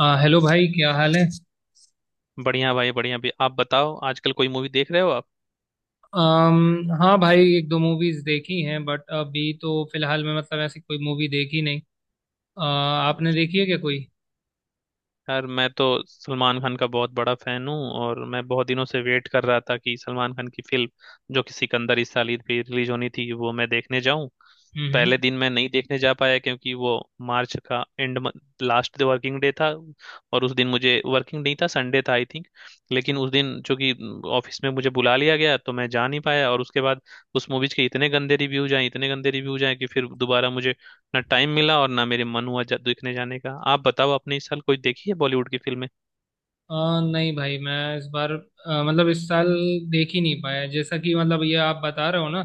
Hello भाई, क्या हाल है? बढ़िया भाई बढ़िया। भी आप बताओ, आजकल कोई मूवी देख रहे हो आप? हाँ भाई, एक दो मूवीज देखी हैं बट अभी तो फिलहाल मैं, मतलब, ऐसी कोई मूवी देखी नहीं। आ, आपने अच्छा। देखी है क्या कोई? यार, मैं तो सलमान खान का बहुत बड़ा फैन हूँ, और मैं बहुत दिनों से वेट कर रहा था कि सलमान खान की फिल्म जो कि सिकंदर इस साल ईद पे रिलीज होनी थी वो मैं देखने जाऊं। हम्म पहले हम्म। दिन मैं नहीं देखने जा पाया क्योंकि वो मार्च का एंड लास्ट वर्किंग डे था, और उस दिन मुझे वर्किंग नहीं था, संडे था आई थिंक। लेकिन उस दिन चूंकि ऑफिस में मुझे बुला लिया गया तो मैं जा नहीं पाया, और उसके बाद उस मूवीज के इतने गंदे रिव्यूज आए, इतने गंदे रिव्यूज आए कि फिर दोबारा मुझे ना टाइम मिला और ना मेरे मन हुआ देखने जाने का। आप बताओ, आपने इस साल कोई देखी है बॉलीवुड की फिल्में? नहीं भाई, मैं इस बार मतलब इस साल देख ही नहीं पाया, जैसा कि मतलब ये आप बता रहे हो ना।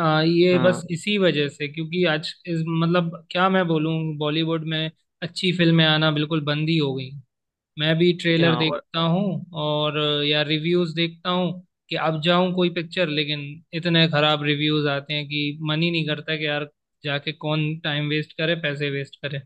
ये बस हाँ। इसी वजह से, क्योंकि आज इस, मतलब क्या मैं बोलूँ, बॉलीवुड में अच्छी फिल्में आना बिल्कुल बंद ही हो गई। मैं भी ट्रेलर यहाँ देखता हूँ, और या रिव्यूज देखता हूँ कि अब जाऊं कोई पिक्चर, लेकिन इतने खराब रिव्यूज आते हैं कि मन ही नहीं करता कि यार, जाके कौन टाइम वेस्ट करे, पैसे वेस्ट करे।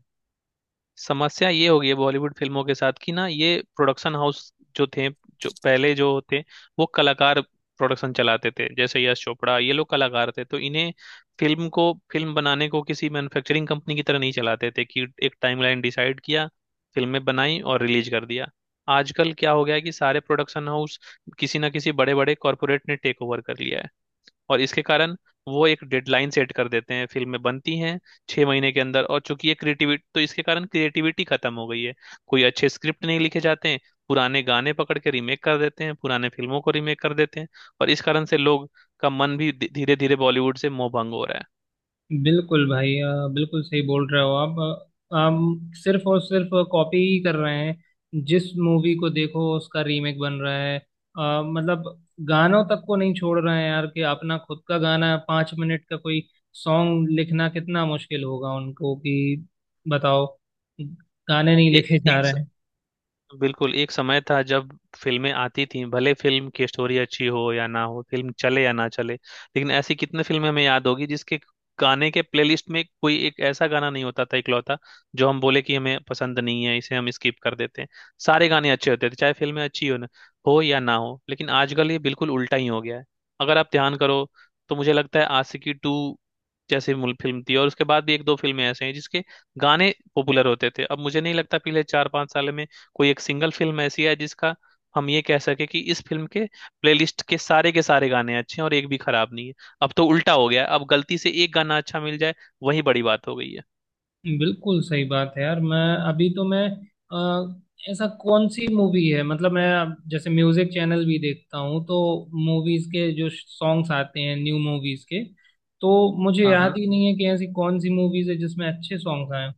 समस्या ये हो गई है बॉलीवुड फिल्मों के साथ कि ना ये प्रोडक्शन हाउस जो थे, जो पहले जो होते वो कलाकार प्रोडक्शन चलाते थे, जैसे यश चोपड़ा। ये लोग कलाकार थे तो इन्हें फिल्म को, फिल्म बनाने को किसी मैन्युफैक्चरिंग कंपनी की तरह नहीं चलाते थे कि एक टाइमलाइन डिसाइड किया, फिल्में बनाई और रिलीज कर दिया। आजकल क्या हो गया है कि सारे प्रोडक्शन हाउस किसी ना किसी बड़े बड़े कॉरपोरेट ने टेक ओवर कर लिया है, और इसके कारण वो एक डेडलाइन सेट कर देते हैं, फिल्में बनती हैं छह महीने के अंदर, और चूंकि ये क्रिएटिविटी, तो इसके कारण क्रिएटिविटी खत्म हो गई है। कोई अच्छे स्क्रिप्ट नहीं लिखे जाते हैं, पुराने गाने पकड़ के रीमेक कर देते हैं, पुराने फिल्मों को रीमेक कर देते हैं, और इस कारण से लोग का मन भी धीरे धीरे बॉलीवुड से मोह भंग हो रहा है। बिल्कुल भाई, बिल्कुल सही बोल रहे हो आप। हम सिर्फ और सिर्फ कॉपी ही कर रहे हैं, जिस मूवी को देखो उसका रीमेक बन रहा है। मतलब गानों तक को नहीं छोड़ रहे हैं यार, कि अपना खुद का गाना 5 मिनट का कोई सॉन्ग लिखना कितना मुश्किल होगा उनको कि बताओ, गाने नहीं ए, लिखे जा एक रहे हैं। बिल्कुल एक समय था जब फिल्में आती थीं, भले फिल्म की स्टोरी अच्छी हो या ना हो, फिल्म चले या ना चले, लेकिन ऐसी कितने फिल्में हमें याद होगी जिसके गाने के प्लेलिस्ट में कोई एक ऐसा गाना नहीं होता था इकलौता जो हम बोले कि हमें पसंद नहीं है, इसे हम स्किप कर देते हैं। सारे गाने अच्छे होते थे, चाहे फिल्में अच्छी हो ना हो या ना हो। लेकिन आजकल ये बिल्कुल उल्टा ही हो गया है। अगर आप ध्यान करो तो मुझे लगता है आशिकी टू जैसी मूल फिल्म थी, और उसके बाद भी एक दो फिल्में ऐसे हैं जिसके गाने पॉपुलर होते थे। अब मुझे नहीं लगता पिछले चार पांच साल में कोई एक सिंगल फिल्म ऐसी है जिसका हम ये कह सके कि इस फिल्म के प्लेलिस्ट के सारे गाने अच्छे हैं और एक भी खराब नहीं है। अब तो उल्टा हो गया है, अब गलती से एक गाना अच्छा मिल जाए वही बड़ी बात हो गई है। बिल्कुल सही बात है यार। मैं, अभी तो मैं, अ, ऐसा कौन सी मूवी है, मतलब मैं अब जैसे म्यूजिक चैनल भी देखता हूँ, तो मूवीज के जो सॉन्ग्स आते हैं, न्यू मूवीज के, तो मुझे हाँ, याद हाँ, ही नहीं है कि ऐसी कौन सी मूवीज है जिसमें अच्छे सॉन्ग्स आए हैं।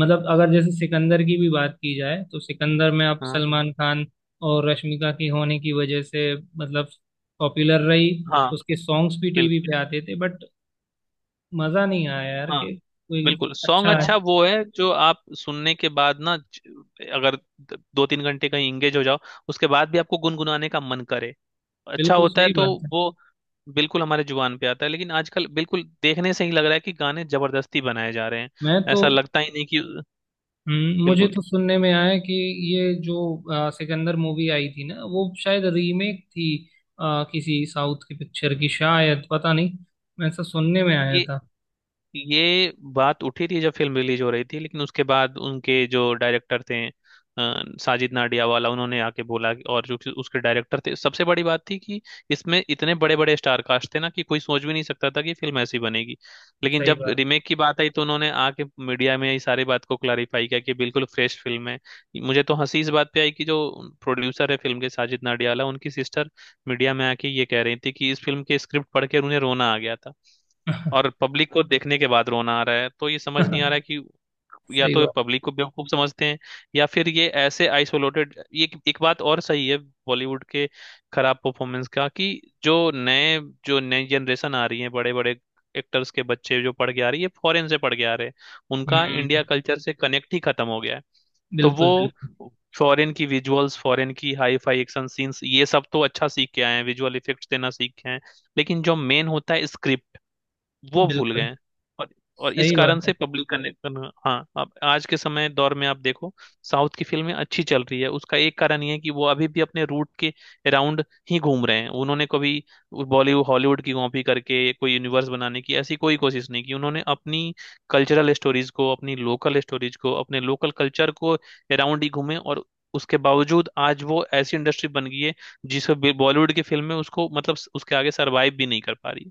मतलब अगर जैसे सिकंदर की भी बात की जाए, तो सिकंदर में अब हाँ, सलमान खान और रश्मिका की होने की वजह से, मतलब पॉपुलर रही। हाँ। उसके सॉन्ग्स भी टीवी बिल्कुल। पे आते थे, बट मजा नहीं आया यार हाँ, कि कोई बिल्कुल सॉन्ग अच्छा है। अच्छा वो है जो आप सुनने के बाद ना अगर दो तीन घंटे कहीं इंगेज हो जाओ उसके बाद भी आपको गुनगुनाने का मन करे, अच्छा बिल्कुल होता है सही तो। बात है। वो बिल्कुल हमारे जुबान पे आता है, लेकिन आजकल बिल्कुल देखने से ही लग रहा है कि गाने जबरदस्ती बनाए जा रहे हैं, मैं तो, ऐसा लगता ही नहीं कि। मुझे बिल्कुल। तो सुनने में आया कि ये जो सिकंदर मूवी आई थी ना, वो शायद रीमेक थी। किसी साउथ की पिक्चर की, शायद पता नहीं, ऐसा सुनने में आया ये था। ये बात उठी थी जब फिल्म रिलीज हो रही थी, लेकिन उसके बाद उनके जो डायरेक्टर थे, साजिद नाडियावाला, उन्होंने आके बोला कि- और जो कि उसके डायरेक्टर थे, सबसे बड़ी बात थी कि इसमें इतने बड़े बड़े स्टार कास्ट थे ना कि कोई सोच भी नहीं सकता था कि फिल्म ऐसी बनेगी। लेकिन सही जब बात। रीमेक की बात आई तो उन्होंने आके मीडिया में इस सारी बात को क्लैरिफाई किया कि बिल्कुल फ्रेश फिल्म है। मुझे तो हंसी इस बात पे आई कि जो प्रोड्यूसर है फिल्म के साजिद नाडियावाला, उनकी सिस्टर मीडिया में आके ये कह रही थी कि इस फिल्म के स्क्रिप्ट पढ़ के उन्हें रोना आ गया था, और पब्लिक को देखने के बाद रोना आ रहा है, तो ये समझ नहीं आ रहा है कि या सही तो बात। पब्लिक को बेवकूफ समझते हैं या फिर ये ऐसे आइसोलेटेड। ये एक एक बात और सही है बॉलीवुड के खराब परफॉर्मेंस का, कि जो नए, जो नई जनरेशन आ रही है, बड़े बड़े एक्टर्स के बच्चे जो पढ़ के आ रही है, फॉरेन से पढ़ के आ रहे हैं, उनका इंडिया हम्म, कल्चर से कनेक्ट ही खत्म हो गया है। तो वो बिल्कुल बिल्कुल। फॉरेन की विजुअल्स, फॉरेन की हाई फाई एक्शन सीन्स, ये सब तो अच्छा सीख के आए हैं, विजुअल इफेक्ट्स देना सीख के आए हैं, लेकिन जो मेन होता है स्क्रिप्ट, वो भूल गए बिल्कुल हैं। और इस सही कारण बात है। से पब्लिक कनेक्शन। हाँ, अब आज के समय दौर में आप देखो, साउथ की फिल्में अच्छी चल रही है, उसका एक कारण ये है कि वो अभी भी अपने रूट के अराउंड ही घूम रहे हैं। उन्होंने कभी बॉलीवुड हॉलीवुड की कॉपी करके कोई यूनिवर्स बनाने की ऐसी कोई कोशिश नहीं की, उन्होंने अपनी कल्चरल स्टोरीज को, अपनी लोकल स्टोरीज को, अपने लोकल कल्चर को अराउंड ही घूमे, और उसके बावजूद आज वो ऐसी इंडस्ट्री बन गई है जिसे बॉलीवुड की फिल्में उसको, मतलब उसके आगे सरवाइव भी नहीं कर पा रही है।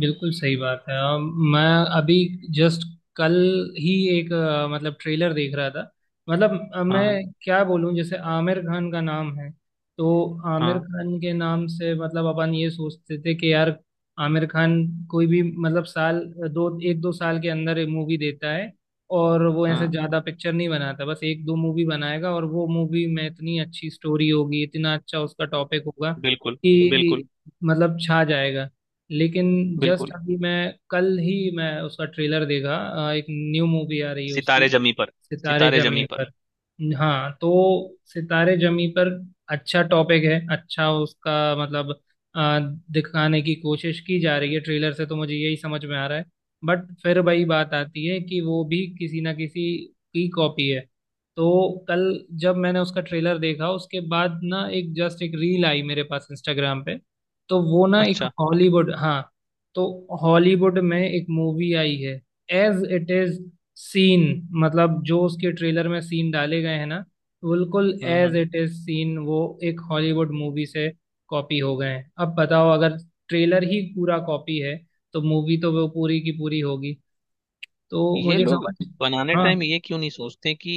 बिल्कुल सही बात है। मैं अभी जस्ट कल ही एक मतलब ट्रेलर देख रहा था। मतलब, हाँ, हाँ, मैं क्या बोलूं, जैसे आमिर खान का नाम है, तो आमिर हाँ। खान के नाम से मतलब अपन ये सोचते थे कि यार, आमिर खान कोई भी, मतलब साल दो, एक दो साल के अंदर मूवी देता है, और वो ऐसे हाँ, ज्यादा पिक्चर नहीं बनाता, बस एक दो मूवी बनाएगा और वो मूवी में इतनी अच्छी स्टोरी होगी, इतना अच्छा उसका टॉपिक होगा बिल्कुल। बिल्कुल। कि मतलब छा जाएगा। लेकिन जस्ट बिल्कुल। अभी मैं, कल ही मैं उसका ट्रेलर देखा। एक न्यू मूवी आ रही है उसकी, सितारे जमी पर। सितारे सितारे जमी जमी पर। पर। हाँ, तो सितारे जमी पर अच्छा टॉपिक है, अच्छा उसका, मतलब अ, दिखाने की कोशिश की जा रही है ट्रेलर से, तो मुझे यही समझ में आ रहा है। बट फिर वही बात आती है कि वो भी किसी ना किसी की कॉपी है। तो कल जब मैंने उसका ट्रेलर देखा, उसके बाद ना एक, जस्ट एक रील आई मेरे पास इंस्टाग्राम पे, तो वो ना एक अच्छा। हॉलीवुड, हाँ, तो हॉलीवुड में एक मूवी आई है, एज इट इज सीन, मतलब जो उसके ट्रेलर में सीन डाले गए हैं ना, बिल्कुल as hmm. It is scene वो एक हॉलीवुड मूवी से कॉपी हो गए हैं। अब बताओ, अगर ट्रेलर ही पूरा कॉपी है तो मूवी तो वो पूरी की पूरी होगी। तो ये मुझे लोग समझ... बनाने टाइम हाँ, ये क्यों नहीं सोचते कि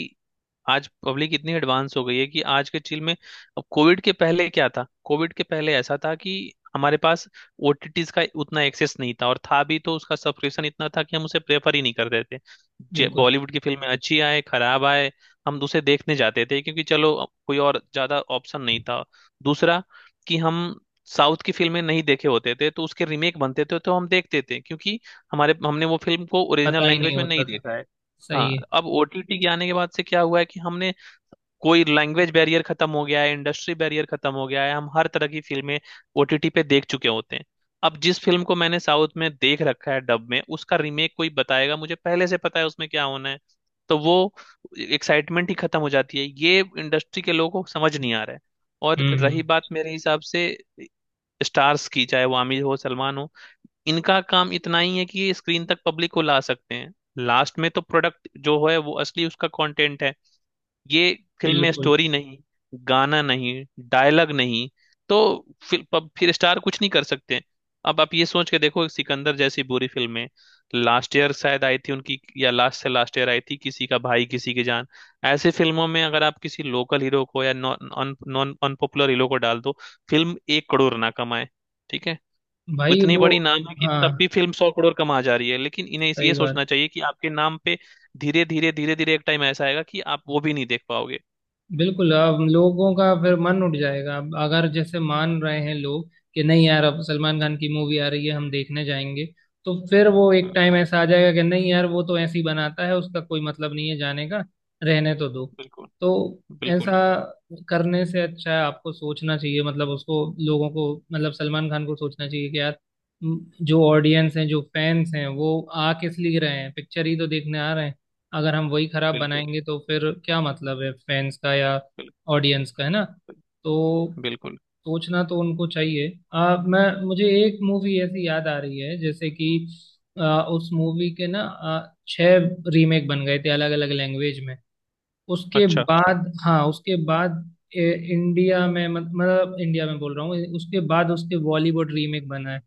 आज पब्लिक इतनी एडवांस हो गई है कि आज के चिल में। अब कोविड के पहले क्या था? कोविड के पहले ऐसा था कि हमारे पास ओटीटीज का उतना एक्सेस नहीं था, और था भी तो उसका सब्सक्रिप्शन इतना था कि हम उसे प्रेफर ही नहीं करते थे। बिल्कुल। बॉलीवुड की फिल्में अच्छी आए खराब आए, हम उसे देखने जाते थे क्योंकि चलो अब कोई और ज्यादा ऑप्शन नहीं था। दूसरा कि हम साउथ की फिल्में नहीं देखे होते थे तो उसके रीमेक बनते थे तो हम देखते थे, क्योंकि हमारे हमने वो फिल्म को ओरिजिनल पता ही नहीं लैंग्वेज में होता नहीं था। देखा है। सही हाँ, है। अब ओटीटी के आने के बाद से क्या हुआ है कि हमने, कोई लैंग्वेज बैरियर खत्म हो गया है, इंडस्ट्री बैरियर खत्म हो गया है, हम हर तरह की फिल्में ओटीटी पे देख चुके होते हैं। अब जिस फिल्म को मैंने साउथ में देख रखा है डब में, उसका रीमेक कोई बताएगा, मुझे पहले से पता है उसमें क्या होना है, तो वो एक्साइटमेंट ही खत्म हो जाती है। ये इंडस्ट्री के लोगों को समझ नहीं आ रहा है। और हम्म। रही बात मेरे हिसाब से स्टार्स की, चाहे वो आमिर हो सलमान हो, इनका काम इतना ही है कि ये स्क्रीन तक पब्लिक को ला सकते हैं। लास्ट में तो प्रोडक्ट जो है, वो असली उसका कंटेंट है। ये फिल्म में बिल्कुल। स्टोरी नहीं, गाना नहीं, डायलॉग नहीं, तो फिर फिर स्टार कुछ नहीं कर सकते। अब आप ये सोच के देखो, एक सिकंदर जैसी बुरी फिल्म है, लास्ट ईयर शायद आई थी उनकी, या लास्ट से लास्ट ईयर आई थी किसी का भाई किसी की जान। ऐसे फिल्मों में अगर आप किसी लोकल हीरो को या नॉन नॉन अनपॉपुलर हीरो को डाल दो, फिल्म एक करोड़ ना कमाए। ठीक है, भाई इतनी वो, बड़ी नाम है कि हाँ, तब भी फिल्म सौ करोड़ कमा जा रही है, लेकिन इन्हें ये सही बात। सोचना चाहिए कि आपके नाम पे धीरे धीरे धीरे धीरे एक टाइम ऐसा आएगा कि आप वो भी नहीं देख पाओगे। बिल्कुल, अब लोगों का फिर मन उठ जाएगा। अब अगर जैसे मान रहे हैं लोग कि नहीं यार, अब सलमान खान की मूवी आ रही है, हम देखने जाएंगे, तो फिर वो एक हाँ, टाइम ऐसा आ जाएगा कि नहीं यार, वो तो ऐसे ही बनाता है, उसका कोई मतलब नहीं है जाने का, रहने तो दो। बिल्कुल। तो बिल्कुल। ऐसा करने से अच्छा है आपको सोचना चाहिए, मतलब उसको, लोगों को, मतलब सलमान खान को सोचना चाहिए कि यार, जो ऑडियंस हैं, जो फैंस हैं, वो आ किस लिए रहे हैं? पिक्चर ही तो देखने आ रहे हैं। अगर हम वही खराब बिल्कुल। बनाएंगे तो फिर क्या मतलब है फैंस का या बिल्कुल। ऑडियंस का, है ना? तो बिल्कुल। सोचना तो उनको चाहिए। मैं मुझे एक मूवी ऐसी याद आ रही है, जैसे कि उस मूवी के ना, छह रीमेक बन गए थे अलग अलग लैंग्वेज में, उसके अच्छा। बाद, हाँ, उसके बाद इंडिया में, मतलब इंडिया में बोल रहा हूँ, उसके बाद उसके बॉलीवुड रीमेक बना है।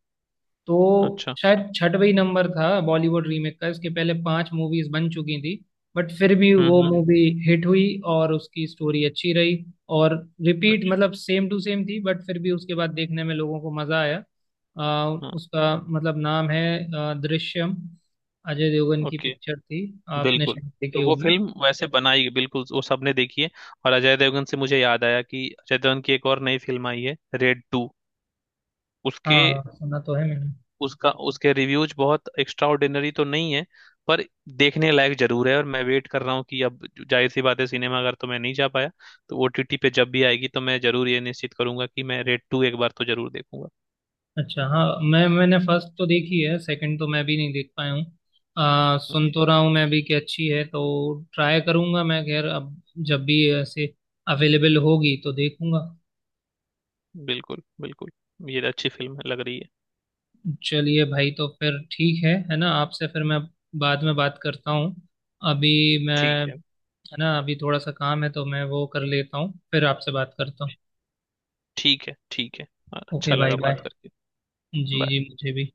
तो अच्छा। शायद छठवही नंबर था बॉलीवुड रीमेक का, इसके पहले पांच मूवीज बन चुकी थी, बट फिर भी वो हम्म। मूवी हिट हुई और उसकी स्टोरी अच्छी रही। और रिपीट, अच्छा। मतलब सेम टू सेम थी, बट फिर भी उसके बाद देखने में लोगों को मजा आया। आ, हाँ। उसका मतलब नाम है दृश्यम। अजय देवगन की ओके। पिक्चर थी, आपने बिल्कुल। शायद देखी तो वो होगी। फिल्म वैसे बनाई, बिल्कुल वो सबने देखी है। और अजय देवगन से मुझे याद आया कि अजय देवगन की एक और नई फिल्म आई है रेड टू। हाँ उसके हाँ, सुना तो है मैंने। उसका उसके रिव्यूज बहुत एक्स्ट्रा ऑर्डिनरी तो नहीं है, पर देखने लायक जरूर है, और मैं वेट कर रहा हूँ कि अब जाहिर सी बात है सिनेमा अगर तो मैं नहीं जा पाया, तो ओटीटी पे जब भी आएगी तो मैं जरूर ये निश्चित करूंगा कि मैं रेड टू एक बार तो जरूर देखूंगा। अच्छा हाँ। मैंने फर्स्ट तो देखी है, सेकंड तो मैं भी नहीं देख पाया हूँ। सुन हम्म। तो रहा हूँ मैं भी कि अच्छी है, तो ट्राई करूँगा मैं। खैर, अब जब भी ऐसे अवेलेबल होगी तो देखूँगा। बिल्कुल बिल्कुल, ये अच्छी फिल्म लग रही है। चलिए भाई, तो फिर ठीक है ना? आपसे फिर मैं बाद में बात करता हूँ। अभी मैं, ठीक है, है ना, अभी थोड़ा सा काम है तो मैं वो कर लेता हूँ, फिर आपसे बात करता हूँ। ठीक है। ठीक है, अच्छा ओके भाई, लगा बाय। बात करके। जी Bye. जी, मुझे भी।